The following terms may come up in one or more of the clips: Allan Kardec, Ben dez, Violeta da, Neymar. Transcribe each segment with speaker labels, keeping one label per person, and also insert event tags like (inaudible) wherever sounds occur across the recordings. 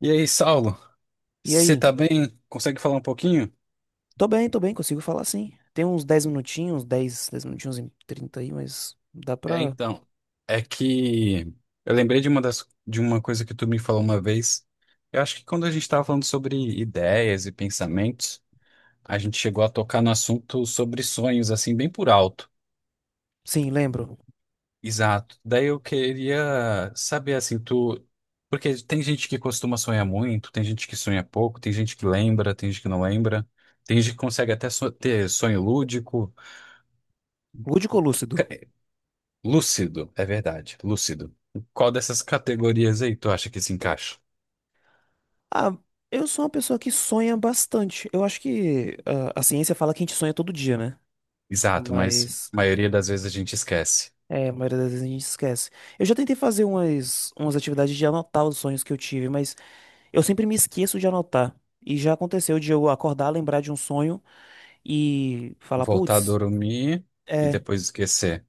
Speaker 1: E aí, Saulo,
Speaker 2: E
Speaker 1: você tá
Speaker 2: aí?
Speaker 1: bem? Consegue falar um pouquinho?
Speaker 2: Tô bem, consigo falar, sim. Tem uns dez minutinhos e 30 aí, mas dá
Speaker 1: É,
Speaker 2: pra.
Speaker 1: então, é que eu lembrei de uma coisa que tu me falou uma vez. Eu acho que quando a gente estava falando sobre ideias e pensamentos, a gente chegou a tocar no assunto sobre sonhos, assim, bem por alto.
Speaker 2: Sim, lembro.
Speaker 1: Exato. Daí eu queria saber, assim, tu... Porque tem gente que costuma sonhar muito, tem gente que sonha pouco, tem gente que lembra, tem gente que não lembra, tem gente que consegue ter sonho lúdico.
Speaker 2: Lúdico ou lúcido?
Speaker 1: Lúcido, é verdade, lúcido. Qual dessas categorias aí tu acha que se encaixa?
Speaker 2: Ah, eu sou uma pessoa que sonha bastante. Eu acho que a ciência fala que a gente sonha todo dia, né?
Speaker 1: Exato, mas
Speaker 2: Mas
Speaker 1: a maioria das vezes a gente esquece.
Speaker 2: é, a maioria das vezes a gente esquece. Eu já tentei fazer umas atividades de anotar os sonhos que eu tive, mas eu sempre me esqueço de anotar. E já aconteceu de eu acordar, lembrar de um sonho e falar,
Speaker 1: Voltar a
Speaker 2: putz.
Speaker 1: dormir e
Speaker 2: É,
Speaker 1: depois esquecer.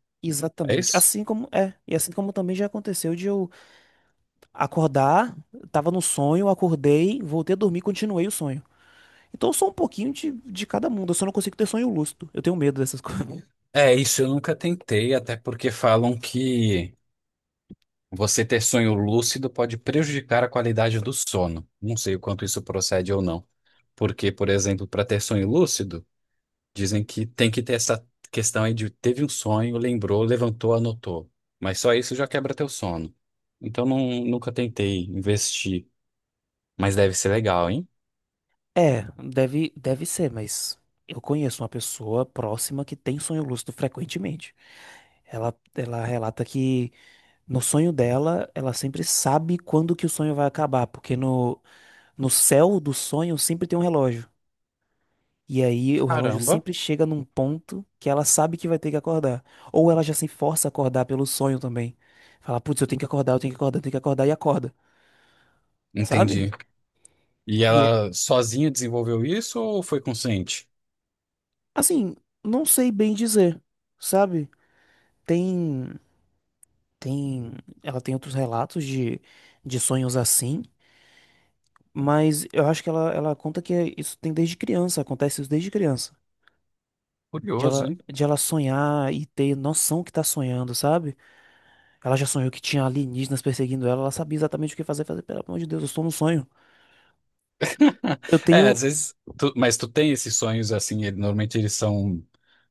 Speaker 1: É
Speaker 2: exatamente.
Speaker 1: isso?
Speaker 2: Assim como é, e assim como também já aconteceu de eu acordar, tava no sonho, acordei, voltei a dormir, continuei o sonho. Então eu sou um pouquinho de cada mundo, eu só não consigo ter sonho lúcido. Eu tenho medo dessas (laughs) coisas.
Speaker 1: É, isso eu nunca tentei, até porque falam que você ter sonho lúcido pode prejudicar a qualidade do sono. Não sei o quanto isso procede ou não. Porque, por exemplo, para ter sonho lúcido, dizem que tem que ter essa questão aí de teve um sonho, lembrou, levantou, anotou. Mas só isso já quebra teu sono. Então não, nunca tentei investir, mas deve ser legal, hein?
Speaker 2: É, deve ser, mas eu conheço uma pessoa próxima que tem sonho lúcido frequentemente. Ela relata que no sonho dela, ela sempre sabe quando que o sonho vai acabar, porque no céu do sonho sempre tem um relógio. E aí o relógio
Speaker 1: Caramba,
Speaker 2: sempre chega num ponto que ela sabe que vai ter que acordar. Ou ela já se força a acordar pelo sonho também. Fala, putz, eu tenho que acordar, eu tenho que acordar, eu tenho que acordar e acorda, sabe?
Speaker 1: entendi. E
Speaker 2: E é,
Speaker 1: ela sozinha desenvolveu isso ou foi consciente?
Speaker 2: assim, não sei bem dizer, sabe? Tem, tem, ela tem outros relatos de sonhos assim, mas eu acho que ela conta que isso tem desde criança, acontece isso desde criança. De
Speaker 1: Curioso,
Speaker 2: ela,
Speaker 1: hein?
Speaker 2: de ela sonhar e ter noção que tá sonhando, sabe? Ela já sonhou que tinha alienígenas perseguindo ela, ela sabia exatamente o que fazer, fazer, pelo amor de Deus, eu estou no sonho.
Speaker 1: (laughs)
Speaker 2: Eu
Speaker 1: É,
Speaker 2: tenho
Speaker 1: às vezes, mas tu tem esses sonhos assim, normalmente eles são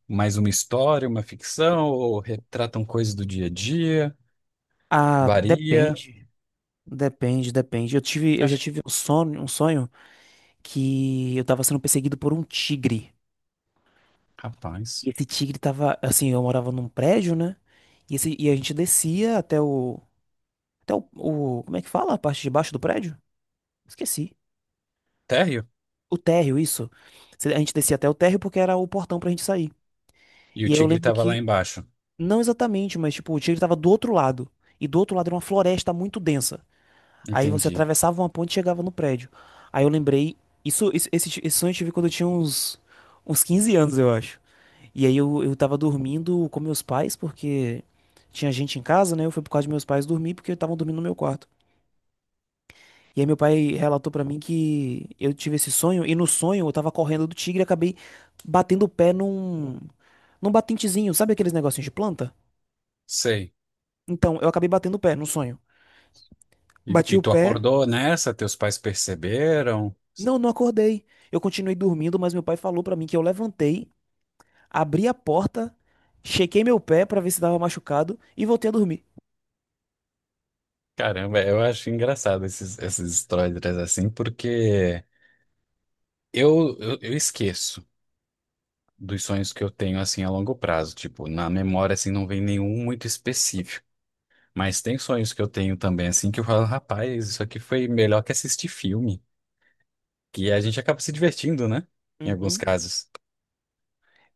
Speaker 1: mais uma história, uma ficção, ou retratam coisas do dia a dia,
Speaker 2: Ah,
Speaker 1: varia.
Speaker 2: depende. Eu tive, eu já
Speaker 1: Acho que,
Speaker 2: tive um sonho que eu tava sendo perseguido por um tigre. E
Speaker 1: rapaz,
Speaker 2: esse tigre tava, assim, eu morava num prédio, né? E a gente descia até o como é que fala? A parte de baixo do prédio? Esqueci.
Speaker 1: até
Speaker 2: O térreo, isso. A gente descia até o térreo porque era o portão pra gente sair.
Speaker 1: e o
Speaker 2: E aí eu
Speaker 1: tigre
Speaker 2: lembro
Speaker 1: estava lá
Speaker 2: que
Speaker 1: embaixo.
Speaker 2: Não exatamente, mas tipo, o tigre tava do outro lado. E do outro lado era uma floresta muito densa. Aí você
Speaker 1: Entendi.
Speaker 2: atravessava uma ponte e chegava no prédio. Aí eu lembrei. Isso, esse sonho eu tive quando eu tinha uns 15 anos, eu acho. E aí eu tava dormindo com meus pais, porque tinha gente em casa, né? Eu fui por causa de meus pais dormir, porque estavam dormindo no meu quarto. E aí meu pai relatou pra mim que eu tive esse sonho, e no sonho eu tava correndo do tigre e acabei batendo o pé num batentezinho, sabe aqueles negocinhos de planta?
Speaker 1: Sei.
Speaker 2: Então, eu acabei batendo o pé no sonho. Bati
Speaker 1: E
Speaker 2: o
Speaker 1: tu
Speaker 2: pé.
Speaker 1: acordou nessa? Teus pais perceberam?
Speaker 2: Não, não acordei. Eu continuei dormindo, mas meu pai falou pra mim que eu levantei, abri a porta, chequei meu pé pra ver se tava machucado e voltei a dormir.
Speaker 1: Caramba, eu acho engraçado essas histórias assim, porque eu esqueço dos sonhos que eu tenho assim a longo prazo. Tipo, na memória assim não vem nenhum muito específico. Mas tem sonhos que eu tenho também assim que eu falo, rapaz, isso aqui foi melhor que assistir filme. Que a gente acaba se divertindo, né? Em alguns
Speaker 2: Uhum.
Speaker 1: casos.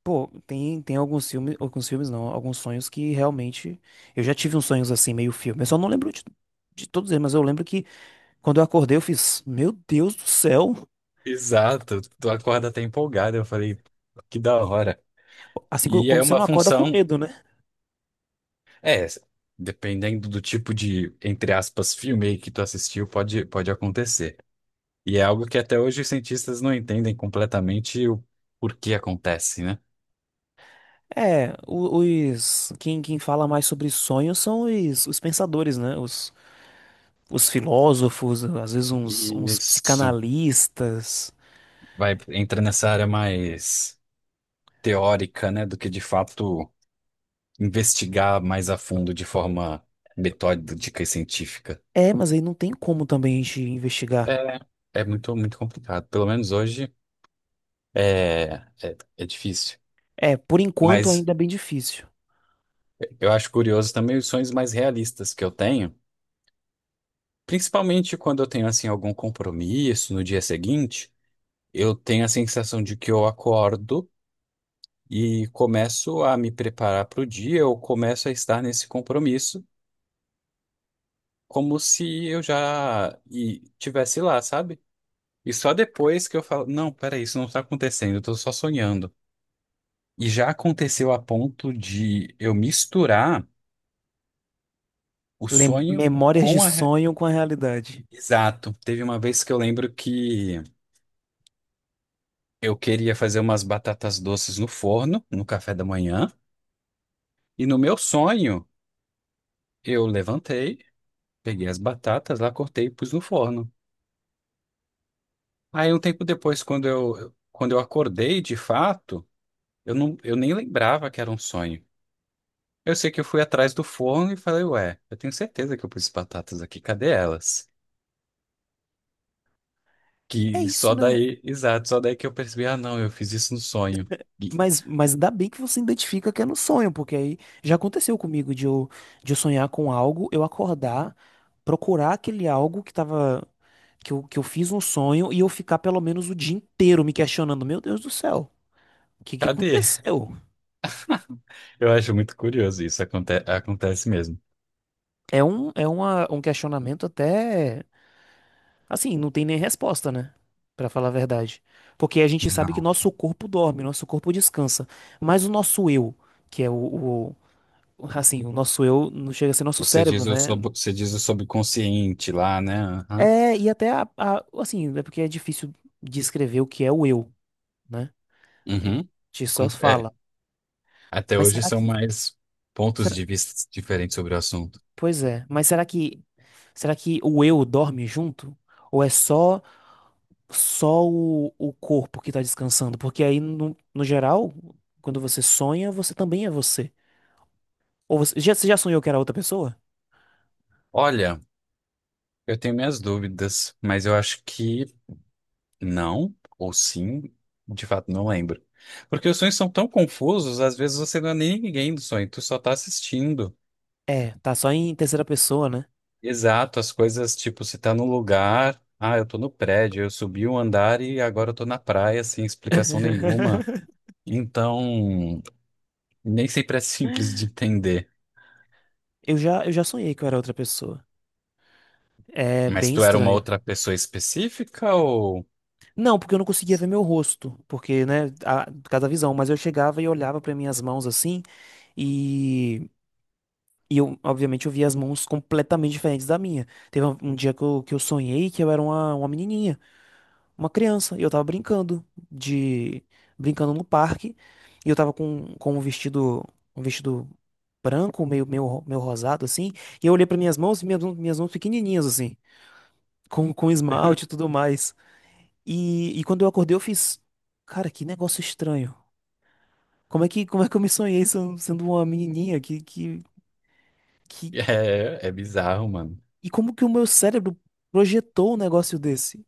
Speaker 2: Pô, tem alguns filmes não, alguns sonhos que realmente. Eu já tive uns sonhos assim, meio filme. Eu só não lembro de todos eles, mas eu lembro que quando eu acordei eu fiz, meu Deus do céu.
Speaker 1: Exato. Tu acorda até empolgado. Eu falei, que da hora.
Speaker 2: Assim, quando
Speaker 1: E
Speaker 2: quando
Speaker 1: é
Speaker 2: você
Speaker 1: uma
Speaker 2: não acorda com
Speaker 1: função,
Speaker 2: medo, né?
Speaker 1: é, dependendo do tipo de, entre aspas, filme aí que tu assistiu, pode acontecer. E é algo que até hoje os cientistas não entendem completamente o porquê acontece, né?
Speaker 2: É, quem fala mais sobre sonhos são os pensadores, né? Os filósofos, às vezes uns
Speaker 1: Isso
Speaker 2: psicanalistas.
Speaker 1: vai entra nessa área mais teórica, né, do que de fato investigar mais a fundo de forma metódica e científica.
Speaker 2: É, mas aí não tem como também a gente investigar.
Speaker 1: É, muito complicado. Pelo menos hoje é, é, é difícil.
Speaker 2: É, por enquanto
Speaker 1: Mas
Speaker 2: ainda é bem difícil.
Speaker 1: eu acho curioso também os sonhos mais realistas que eu tenho, principalmente quando eu tenho assim algum compromisso no dia seguinte, eu tenho a sensação de que eu acordo e começo a me preparar para o dia, eu começo a estar nesse compromisso como se eu tivesse lá, sabe? E só depois que eu falo, não, peraí, isso não está acontecendo, eu estou só sonhando. E já aconteceu a ponto de eu misturar o sonho
Speaker 2: Memórias de
Speaker 1: com a... re-
Speaker 2: sonho com a realidade.
Speaker 1: Exato. Teve uma vez que eu lembro que eu queria fazer umas batatas doces no forno, no café da manhã. E no meu sonho, eu levantei, peguei as batatas lá, cortei e pus no forno. Aí um tempo depois, quando eu acordei de fato, eu nem lembrava que era um sonho. Eu sei que eu fui atrás do forno e falei, ué, eu tenho certeza que eu pus batatas aqui, cadê elas?
Speaker 2: É
Speaker 1: Que
Speaker 2: isso,
Speaker 1: só
Speaker 2: né?
Speaker 1: daí, exato, só daí que eu percebi, ah, não, eu fiz isso no sonho. E-
Speaker 2: Mas ainda bem que você identifica que é no sonho, porque aí já aconteceu comigo de eu sonhar com algo, eu acordar, procurar aquele algo que tava, que eu fiz um sonho e eu ficar pelo menos o dia inteiro me questionando, meu Deus do céu, o que que
Speaker 1: cadê?
Speaker 2: aconteceu?
Speaker 1: Eu acho muito curioso isso, acontece mesmo.
Speaker 2: É um questionamento até. Assim, não tem nem resposta, né? Pra falar a verdade. Porque a gente sabe que
Speaker 1: Não.
Speaker 2: nosso corpo dorme, nosso corpo descansa. Mas o nosso eu, que é assim, o nosso eu não chega a ser nosso
Speaker 1: Você
Speaker 2: cérebro,
Speaker 1: diz o,
Speaker 2: né?
Speaker 1: sub você diz o subconsciente lá, né? Aham.
Speaker 2: É, e até assim, é porque é difícil descrever o que é o eu, né? A
Speaker 1: Uhum.
Speaker 2: gente só
Speaker 1: Com- É,
Speaker 2: fala.
Speaker 1: até
Speaker 2: Mas
Speaker 1: hoje
Speaker 2: será
Speaker 1: são
Speaker 2: que,
Speaker 1: mais pontos
Speaker 2: será-
Speaker 1: de vista diferentes sobre o assunto.
Speaker 2: pois é, mas será que o eu dorme junto? Ou é só o corpo que tá descansando, porque aí no geral, quando você sonha, você também é você. Ou você já sonhou que era outra pessoa?
Speaker 1: Olha, eu tenho minhas dúvidas, mas eu acho que não, ou sim, de fato não lembro. Porque os sonhos são tão confusos, às vezes você não é nem ninguém do sonho, tu só tá assistindo.
Speaker 2: É, tá só em terceira pessoa, né?
Speaker 1: Exato, as coisas, tipo, se tá no lugar, ah, eu tô no prédio, eu subi um andar e agora eu tô na praia, sem explicação nenhuma.
Speaker 2: (laughs)
Speaker 1: Então, nem sempre é simples de entender.
Speaker 2: Eu já sonhei que eu era outra pessoa. É
Speaker 1: Mas
Speaker 2: bem
Speaker 1: tu era uma
Speaker 2: estranho.
Speaker 1: outra pessoa específica ou.
Speaker 2: Não, porque eu não conseguia ver
Speaker 1: (laughs)
Speaker 2: meu rosto, porque, né, por causa da visão, mas eu chegava e olhava pra minhas mãos assim e E eu, obviamente, eu via as mãos completamente diferentes da minha. Teve um dia que eu sonhei que eu era uma menininha, uma criança, e eu tava de brincando no parque, e eu tava com um vestido branco, meio rosado assim, e eu olhei para minhas mãos, e minhas mãos pequenininhas assim, com esmalte e tudo mais. E quando eu acordei, eu fiz, cara, que negócio estranho. Como é que eu me sonhei sendo uma menininha? Que
Speaker 1: É, é bizarro, mano.
Speaker 2: E como que o meu cérebro projetou um negócio desse?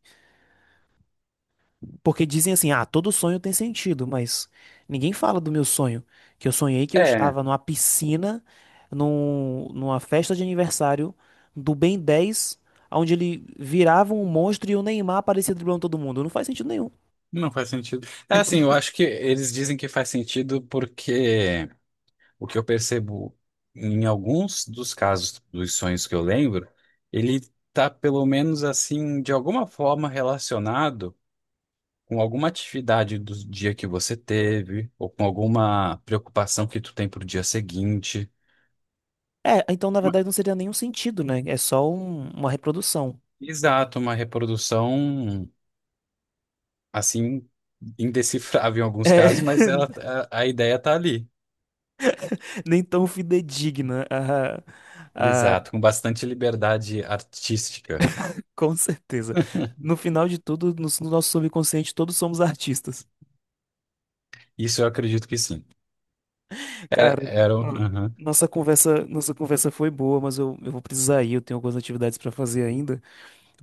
Speaker 2: Porque dizem assim, ah, todo sonho tem sentido, mas ninguém fala do meu sonho. Que eu sonhei que eu
Speaker 1: É,
Speaker 2: estava numa piscina, numa festa de aniversário do Ben 10, onde ele virava um monstro e o Neymar aparecia driblando todo mundo. Não faz sentido nenhum.
Speaker 1: não faz sentido. É assim, eu acho que eles dizem que faz sentido porque. O que eu percebo em alguns dos casos dos sonhos que eu lembro, ele tá pelo menos assim, de alguma forma relacionado com alguma atividade do dia que você teve, ou com alguma preocupação que tu tem pro dia seguinte.
Speaker 2: É, então na
Speaker 1: Uma-
Speaker 2: verdade não seria nenhum sentido, né? É só uma reprodução.
Speaker 1: Exato, uma reprodução assim, indecifrável em alguns
Speaker 2: É,
Speaker 1: casos, mas ela,
Speaker 2: (laughs)
Speaker 1: a ideia tá ali.
Speaker 2: nem tão fidedigna a,
Speaker 1: Exato, com bastante liberdade artística.
Speaker 2: Com certeza.
Speaker 1: (laughs)
Speaker 2: No final de tudo, no nosso subconsciente, todos somos artistas.
Speaker 1: Isso eu acredito que sim.
Speaker 2: Cara, ah,
Speaker 1: Um- aham.
Speaker 2: nossa conversa foi boa, mas eu vou precisar ir, eu tenho algumas atividades para fazer ainda.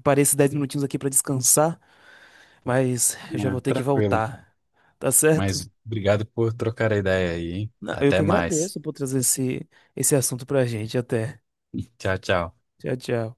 Speaker 2: Parei esses 10 minutinhos aqui para descansar, mas eu já
Speaker 1: Ah,
Speaker 2: vou ter que
Speaker 1: tranquilo.
Speaker 2: voltar. Tá certo?
Speaker 1: Mas obrigado por trocar a ideia aí, hein?
Speaker 2: Não, eu que
Speaker 1: Até mais.
Speaker 2: agradeço por trazer esse assunto pra gente. Até.
Speaker 1: Tchau, tchau.
Speaker 2: Tchau, tchau.